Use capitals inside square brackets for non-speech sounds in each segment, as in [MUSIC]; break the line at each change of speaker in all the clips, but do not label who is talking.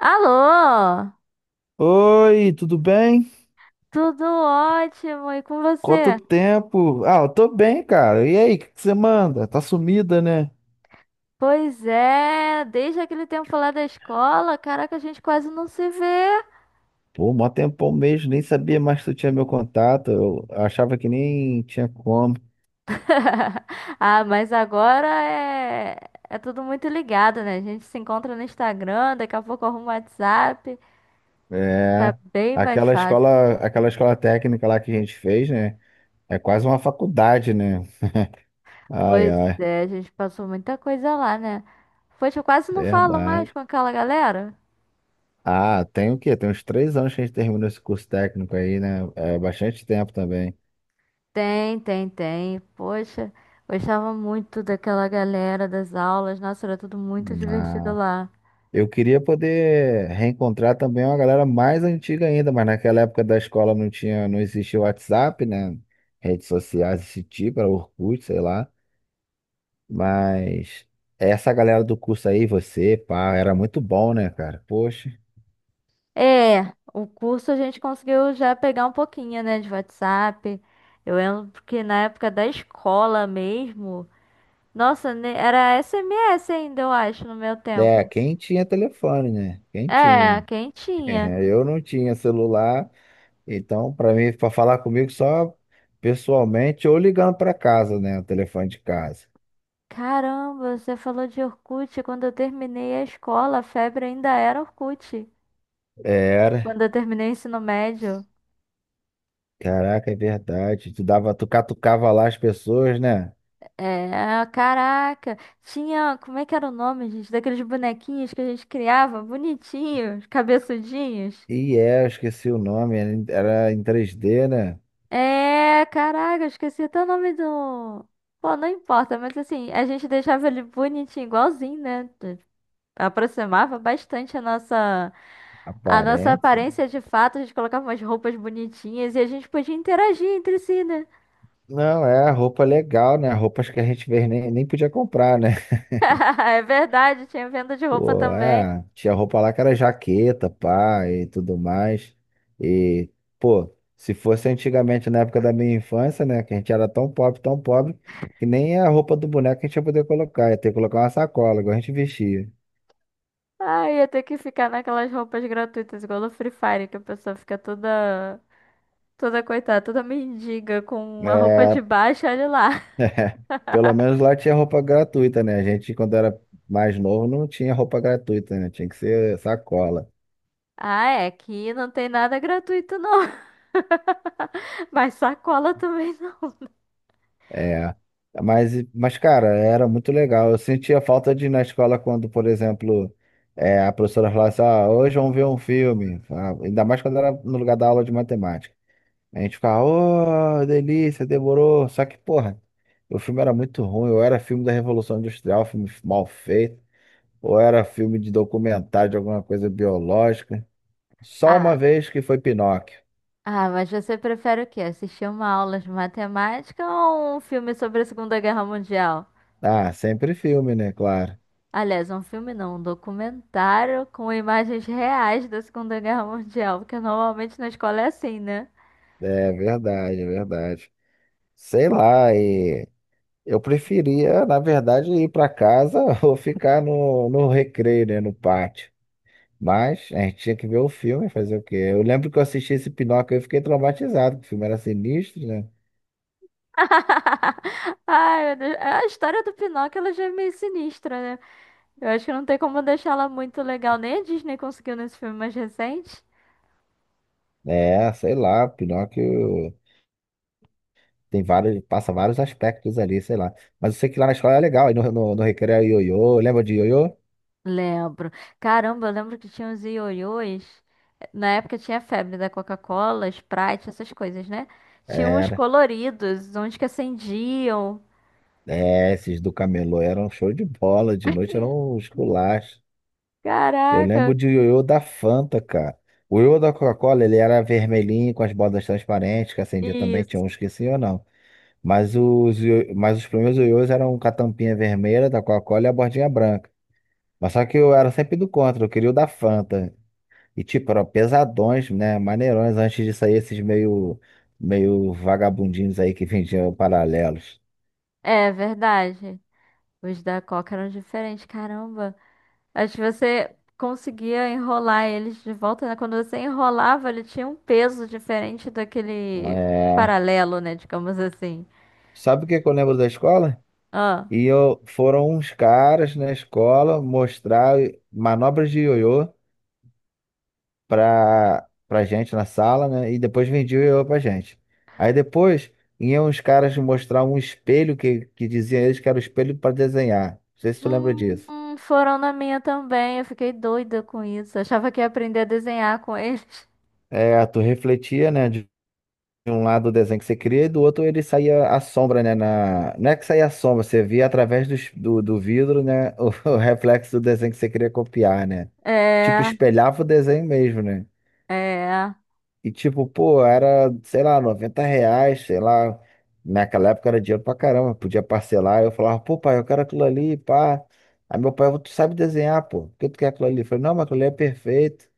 Alô,
Oi, tudo bem?
tudo ótimo, e com
Quanto
você?
tempo? Ah, eu tô bem, cara. E aí, o que que você manda? Tá sumida, né?
Pois é, desde aquele tempo lá da escola, caraca, a gente quase não se vê.
Pô, mó tempão mesmo, nem sabia mais que tu tinha meu contato. Eu achava que nem tinha como.
Ah, mas agora é tudo muito ligado, né? A gente se encontra no Instagram, daqui a pouco arruma o WhatsApp, tá
É.
bem mais
Aquela
fácil.
escola, aquela escola técnica lá que a gente fez, né? É quase uma faculdade, né? Ai,
Pois
ai,
é, a gente passou muita coisa lá, né? Poxa, eu quase não falo mais
verdade.
com aquela galera.
Ah, tem o quê? Tem uns 3 anos que a gente terminou esse curso técnico aí, né? É bastante tempo também.
Tem. Poxa, gostava muito daquela galera das aulas. Nossa, era tudo muito divertido
Ah.
lá.
Eu queria poder reencontrar também uma galera mais antiga ainda, mas naquela época da escola não tinha, não existia o WhatsApp, né? Redes sociais desse tipo, era Orkut, sei lá. Mas essa galera do curso aí, você, pá, era muito bom, né, cara? Poxa.
É, o curso a gente conseguiu já pegar um pouquinho, né, de WhatsApp. Eu lembro que na época da escola mesmo, nossa, né, era SMS ainda, eu acho, no meu
É,
tempo.
quem tinha telefone, né? Quem
É,
tinha.
quem tinha?
[LAUGHS] Eu não tinha celular, então para mim, para falar comigo só pessoalmente ou ligando para casa, né? O telefone de casa.
Caramba, você falou de Orkut. Quando eu terminei a escola, a febre ainda era Orkut.
Era.
Quando eu terminei o ensino médio.
Caraca, é verdade. Tu dava, tu catucava lá as pessoas, né?
É, caraca, tinha, como é que era o nome, gente, daqueles bonequinhos que a gente criava, bonitinhos, cabeçudinhos.
E eu esqueci o nome, era em 3D, né?
É, caraca, eu esqueci até o nome do. Pô, não importa, mas assim, a gente deixava ele bonitinho, igualzinho, né? Aproximava bastante a nossa
Aparência.
aparência de fato, a gente colocava umas roupas bonitinhas e a gente podia interagir entre si, né?
Não, é roupa legal, né? Roupas que a gente vê, nem podia comprar, né? [LAUGHS]
[LAUGHS] É verdade, tinha venda de roupa
Pô,
também.
é, tinha roupa lá que era jaqueta, pá, e tudo mais. E, pô, se fosse antigamente, na época da minha infância, né? Que a gente era tão pobre, que nem a roupa do boneco a gente ia poder colocar. Ia ter que colocar uma sacola, igual a gente vestia.
Ah, ia ter que ficar naquelas roupas gratuitas, igual no Free Fire, que a pessoa fica toda coitada, toda mendiga com uma roupa
É,
de baixo, olha lá.
[LAUGHS]
[LAUGHS]
é, pelo menos lá tinha roupa gratuita, né? A gente, quando era mais novo, não tinha roupa gratuita, né? Tinha que ser sacola.
Ah, é, aqui não tem nada gratuito não, [LAUGHS] mas sacola também não.
É. Mas, cara, era muito legal. Eu sentia falta de ir na escola quando, por exemplo, a professora falasse, ah, hoje vamos ver um filme. Ah, ainda mais quando era no lugar da aula de matemática. A gente ficava, oh, delícia, demorou. Só que, porra, o filme era muito ruim. Ou era filme da Revolução Industrial, filme mal feito. Ou era filme de documentário de alguma coisa biológica. Só uma
Ah,
vez que foi Pinóquio.
ah, mas você prefere o quê? Assistir uma aula de matemática ou um filme sobre a Segunda Guerra Mundial?
Ah, sempre filme, né? Claro.
Aliás, um filme não, um documentário com imagens reais da Segunda Guerra Mundial, porque normalmente na escola é assim, né?
É verdade, é verdade. Sei lá, e eu preferia, na verdade, ir para casa [LAUGHS] ou ficar no recreio, né? No pátio. Mas a gente tinha que ver o filme, fazer o quê? Eu lembro que eu assisti esse Pinóquio e fiquei traumatizado, porque o filme era sinistro, né?
[LAUGHS] Ai, meu Deus. É, a história do Pinóquio ela já é meio sinistra, né? Eu acho que não tem como deixar ela muito legal. Nem a Disney conseguiu nesse filme mais recente.
É, sei lá, Pinóquio tem vários, passa vários aspectos ali, sei lá. Mas eu sei que lá na escola é legal, aí no recreio é ioiô, lembra de ioiô?
Lembro. Caramba, eu lembro que tinha os ioiôs. Na época tinha a febre da Coca-Cola, Sprite, essas coisas, né? Tinha uns
Era.
coloridos, uns que acendiam.
É, esses do Camelô eram show de bola, de noite eram os culaches. Eu lembro
Caraca,
de ioiô da Fanta, cara. O ioiô da Coca-Cola, ele era vermelhinho, com as bordas transparentes, que acendia também, tinha
isso.
uns que sim ou não. Mas os primeiros ioiôs eram com a tampinha vermelha da Coca-Cola e a bordinha branca. Mas só que eu era sempre do contra, eu queria o da Fanta. E tipo, eram pesadões, né? Maneirões, antes de sair esses meio vagabundinhos aí que vendiam paralelos.
É verdade. Os da Coca eram diferentes, caramba. Acho que você conseguia enrolar eles de volta, né? Quando você enrolava, ele tinha um peso diferente daquele
É...
paralelo, né? Digamos assim.
Sabe o que que eu lembro da escola?
Ah,
Foram uns caras na escola mostrar manobras de ioiô pra gente na sala, né? E depois vendia o ioiô pra gente. Aí depois iam os caras mostrar um espelho que diziam eles que era o espelho para desenhar. Não sei se tu lembra disso.
foram na minha também. Eu fiquei doida com isso. Achava que ia aprender a desenhar com eles. [LAUGHS]
É, tu refletia, né? De um lado o desenho que você queria e do outro ele saía a sombra, né? Não é que saía a sombra, você via através do vidro, né? [LAUGHS] O reflexo do desenho que você queria copiar, né? Tipo,
É,
espelhava o desenho mesmo, né?
é.
E tipo, pô, era, sei lá, R$ 90, sei lá. Naquela época era dinheiro pra caramba, podia parcelar. Eu falava, pô, pai, eu quero aquilo ali, pá. Aí meu pai, tu sabe desenhar, pô, por que tu quer aquilo ali? Eu falei, não, mas aquilo ali é perfeito.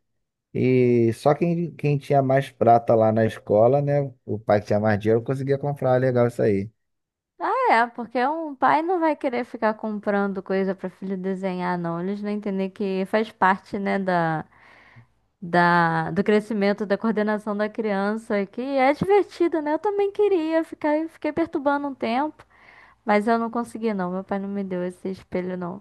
E só quem tinha mais prata lá na escola, né? O pai que tinha mais dinheiro conseguia comprar, legal isso aí.
É, porque um pai não vai querer ficar comprando coisa para filho desenhar, não. Eles não entendem que faz parte, né, do crescimento, da coordenação da criança, que é divertido, né? Eu também queria ficar, fiquei perturbando um tempo, mas eu não consegui, não. Meu pai não me deu esse espelho, não.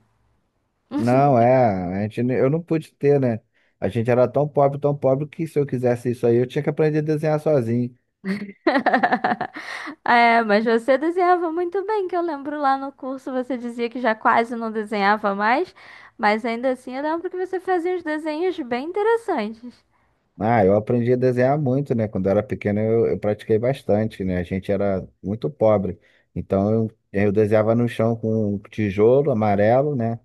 Não, eu não pude ter, né? A gente era tão pobre, que se eu quisesse isso aí, eu tinha que aprender a desenhar sozinho.
[LAUGHS] É, mas você desenhava muito bem, que eu lembro lá no curso você dizia que já quase não desenhava mais, mas ainda assim eu lembro que você fazia uns desenhos bem interessantes.
Ah, eu aprendi a desenhar muito, né? Quando eu era pequeno, eu pratiquei bastante, né? A gente era muito pobre. Então, eu desenhava no chão com um tijolo amarelo, né?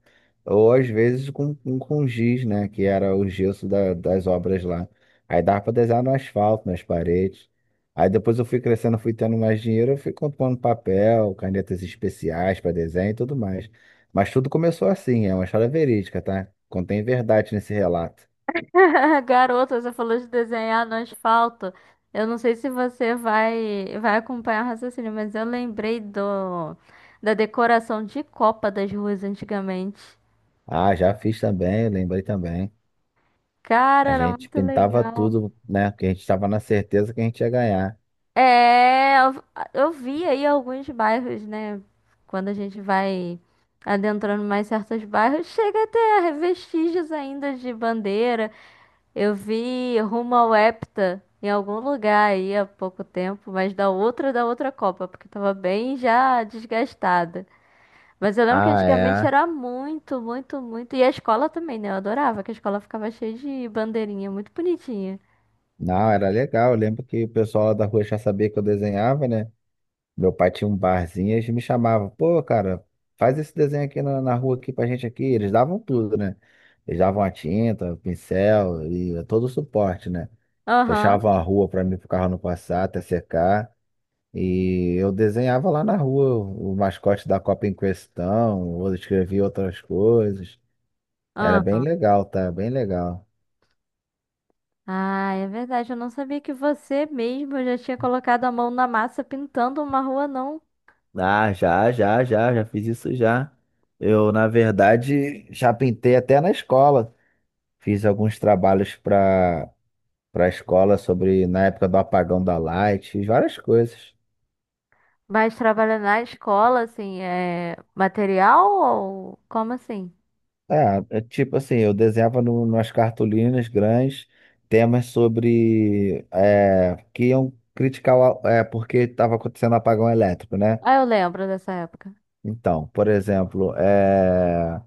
Ou às vezes com giz, né? Que era o gesso das obras lá. Aí dava para desenhar no asfalto, nas paredes. Aí depois eu fui crescendo, fui tendo mais dinheiro, eu fui comprando papel, canetas especiais para desenho e tudo mais. Mas tudo começou assim, é uma história verídica, tá? Contém verdade nesse relato.
[LAUGHS] Garota, você falou de desenhar no asfalto. Eu não sei se você vai acompanhar o raciocínio, mas eu lembrei do da decoração de Copa das ruas antigamente.
Ah, já fiz também, lembrei também.
Cara,
A
era
gente
muito
pintava
legal.
tudo, né? Porque a gente estava na certeza que a gente ia ganhar.
É, eu, eu vi aí alguns bairros, né? Quando a gente vai adentrando mais certos bairros, chega até a vestígios ainda de bandeira. Eu vi Rumo ao Hepta em algum lugar aí há pouco tempo, mas da outra Copa, porque eu tava bem já desgastada. Mas eu lembro que
Ah,
antigamente
é.
era muito, muito, muito. E a escola também, né? Eu adorava, que a escola ficava cheia de bandeirinha, muito bonitinha.
Não, era legal. Eu lembro que o pessoal lá da rua já sabia que eu desenhava, né? Meu pai tinha um barzinho e eles me chamavam. Pô, cara, faz esse desenho aqui na rua aqui pra gente aqui. Eles davam tudo, né? Eles davam a tinta, o pincel e todo o suporte, né?
Aham,
Fechavam a rua pra mim, pro carro não passar, até secar. E eu desenhava lá na rua o mascote da Copa em questão, eu escrevia outras coisas. Era bem
aham.
legal, tá? Bem legal.
Ah, é verdade. Eu não sabia que você mesmo já tinha colocado a mão na massa pintando uma rua, não.
Ah, já, já, já, já fiz isso já. Eu, na verdade, já pintei até na escola. Fiz alguns trabalhos para a escola sobre na época do apagão da Light, fiz várias coisas.
Mas trabalha na escola, assim, é material ou como assim?
É, tipo assim, eu desenhava no, nas cartolinas grandes temas sobre que iam criticar porque estava acontecendo um apagão elétrico, né?
Ah, eu lembro dessa época.
Então, por exemplo,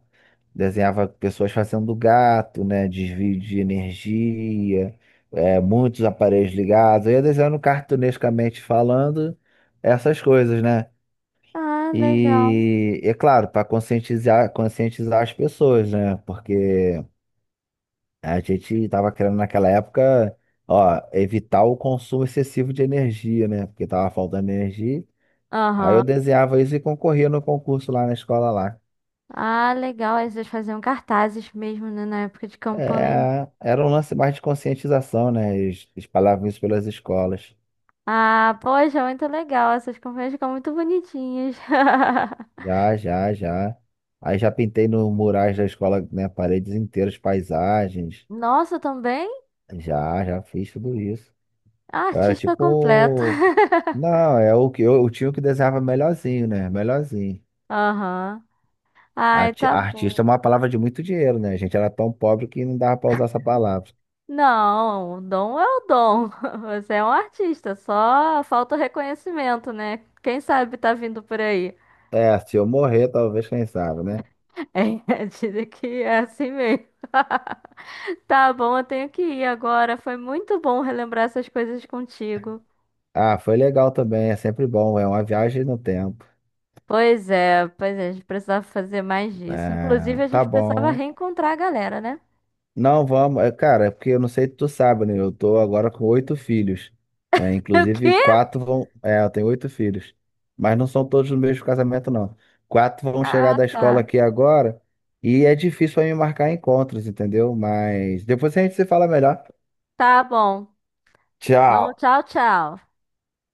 desenhava pessoas fazendo gato, né? Desvio de energia, muitos aparelhos ligados. Eu ia desenhando cartunescamente falando essas coisas, né?
Ah, legal.
E é claro, para conscientizar, conscientizar as pessoas, né? Porque a gente estava querendo naquela época, ó, evitar o consumo excessivo de energia, né? Porque tava faltando energia. Aí eu
Aham.
desenhava isso e concorria no concurso lá na escola lá.
Ah, legal. Aí vocês faziam cartazes mesmo, né, na época de campanha.
É, era um lance mais de conscientização, né? Eles espalhavam isso pelas escolas.
Ah, poxa, muito legal. Essas campanhas ficam muito bonitinhas. [LAUGHS]
Já, já, já. Aí já pintei no murais da escola, né? Paredes inteiras, paisagens.
Nossa, também?
Já, já fiz tudo isso.
Ah,
Eu era
artista completo.
tipo.
[LAUGHS]
Não, é o que eu tinha o que desenhava melhorzinho, né? Melhorzinho.
Aham. Ai,
Arti-
tá
Artista é
bom.
uma palavra de muito dinheiro, né? A gente era tão pobre que não dava pra usar essa palavra.
Não, o dom é o dom. [LAUGHS] Você é um artista, só falta o reconhecimento, né? Quem sabe tá vindo por aí.
É, se eu morrer, talvez, quem sabe, né?
[LAUGHS] É, dizem que é assim mesmo. Tá bom, eu tenho que ir agora. Foi muito bom relembrar essas coisas contigo.
Ah, foi legal também, é sempre bom, é uma viagem no tempo.
Pois é, a gente precisava fazer mais disso. Inclusive,
É,
a
tá
gente precisava
bom.
reencontrar a galera, né?
Não, vamos, cara, é porque eu não sei se tu sabe, né? Eu tô agora com oito filhos, né?
[LAUGHS] O
Inclusive,
quê?
quatro vão. É, eu tenho oito filhos, mas não são todos no mesmo casamento, não. Quatro vão chegar
Ah,
da escola
tá.
aqui agora e é difícil pra mim marcar encontros, entendeu? Mas depois a gente se fala melhor.
Tá bom. Então,
Tchau.
tchau.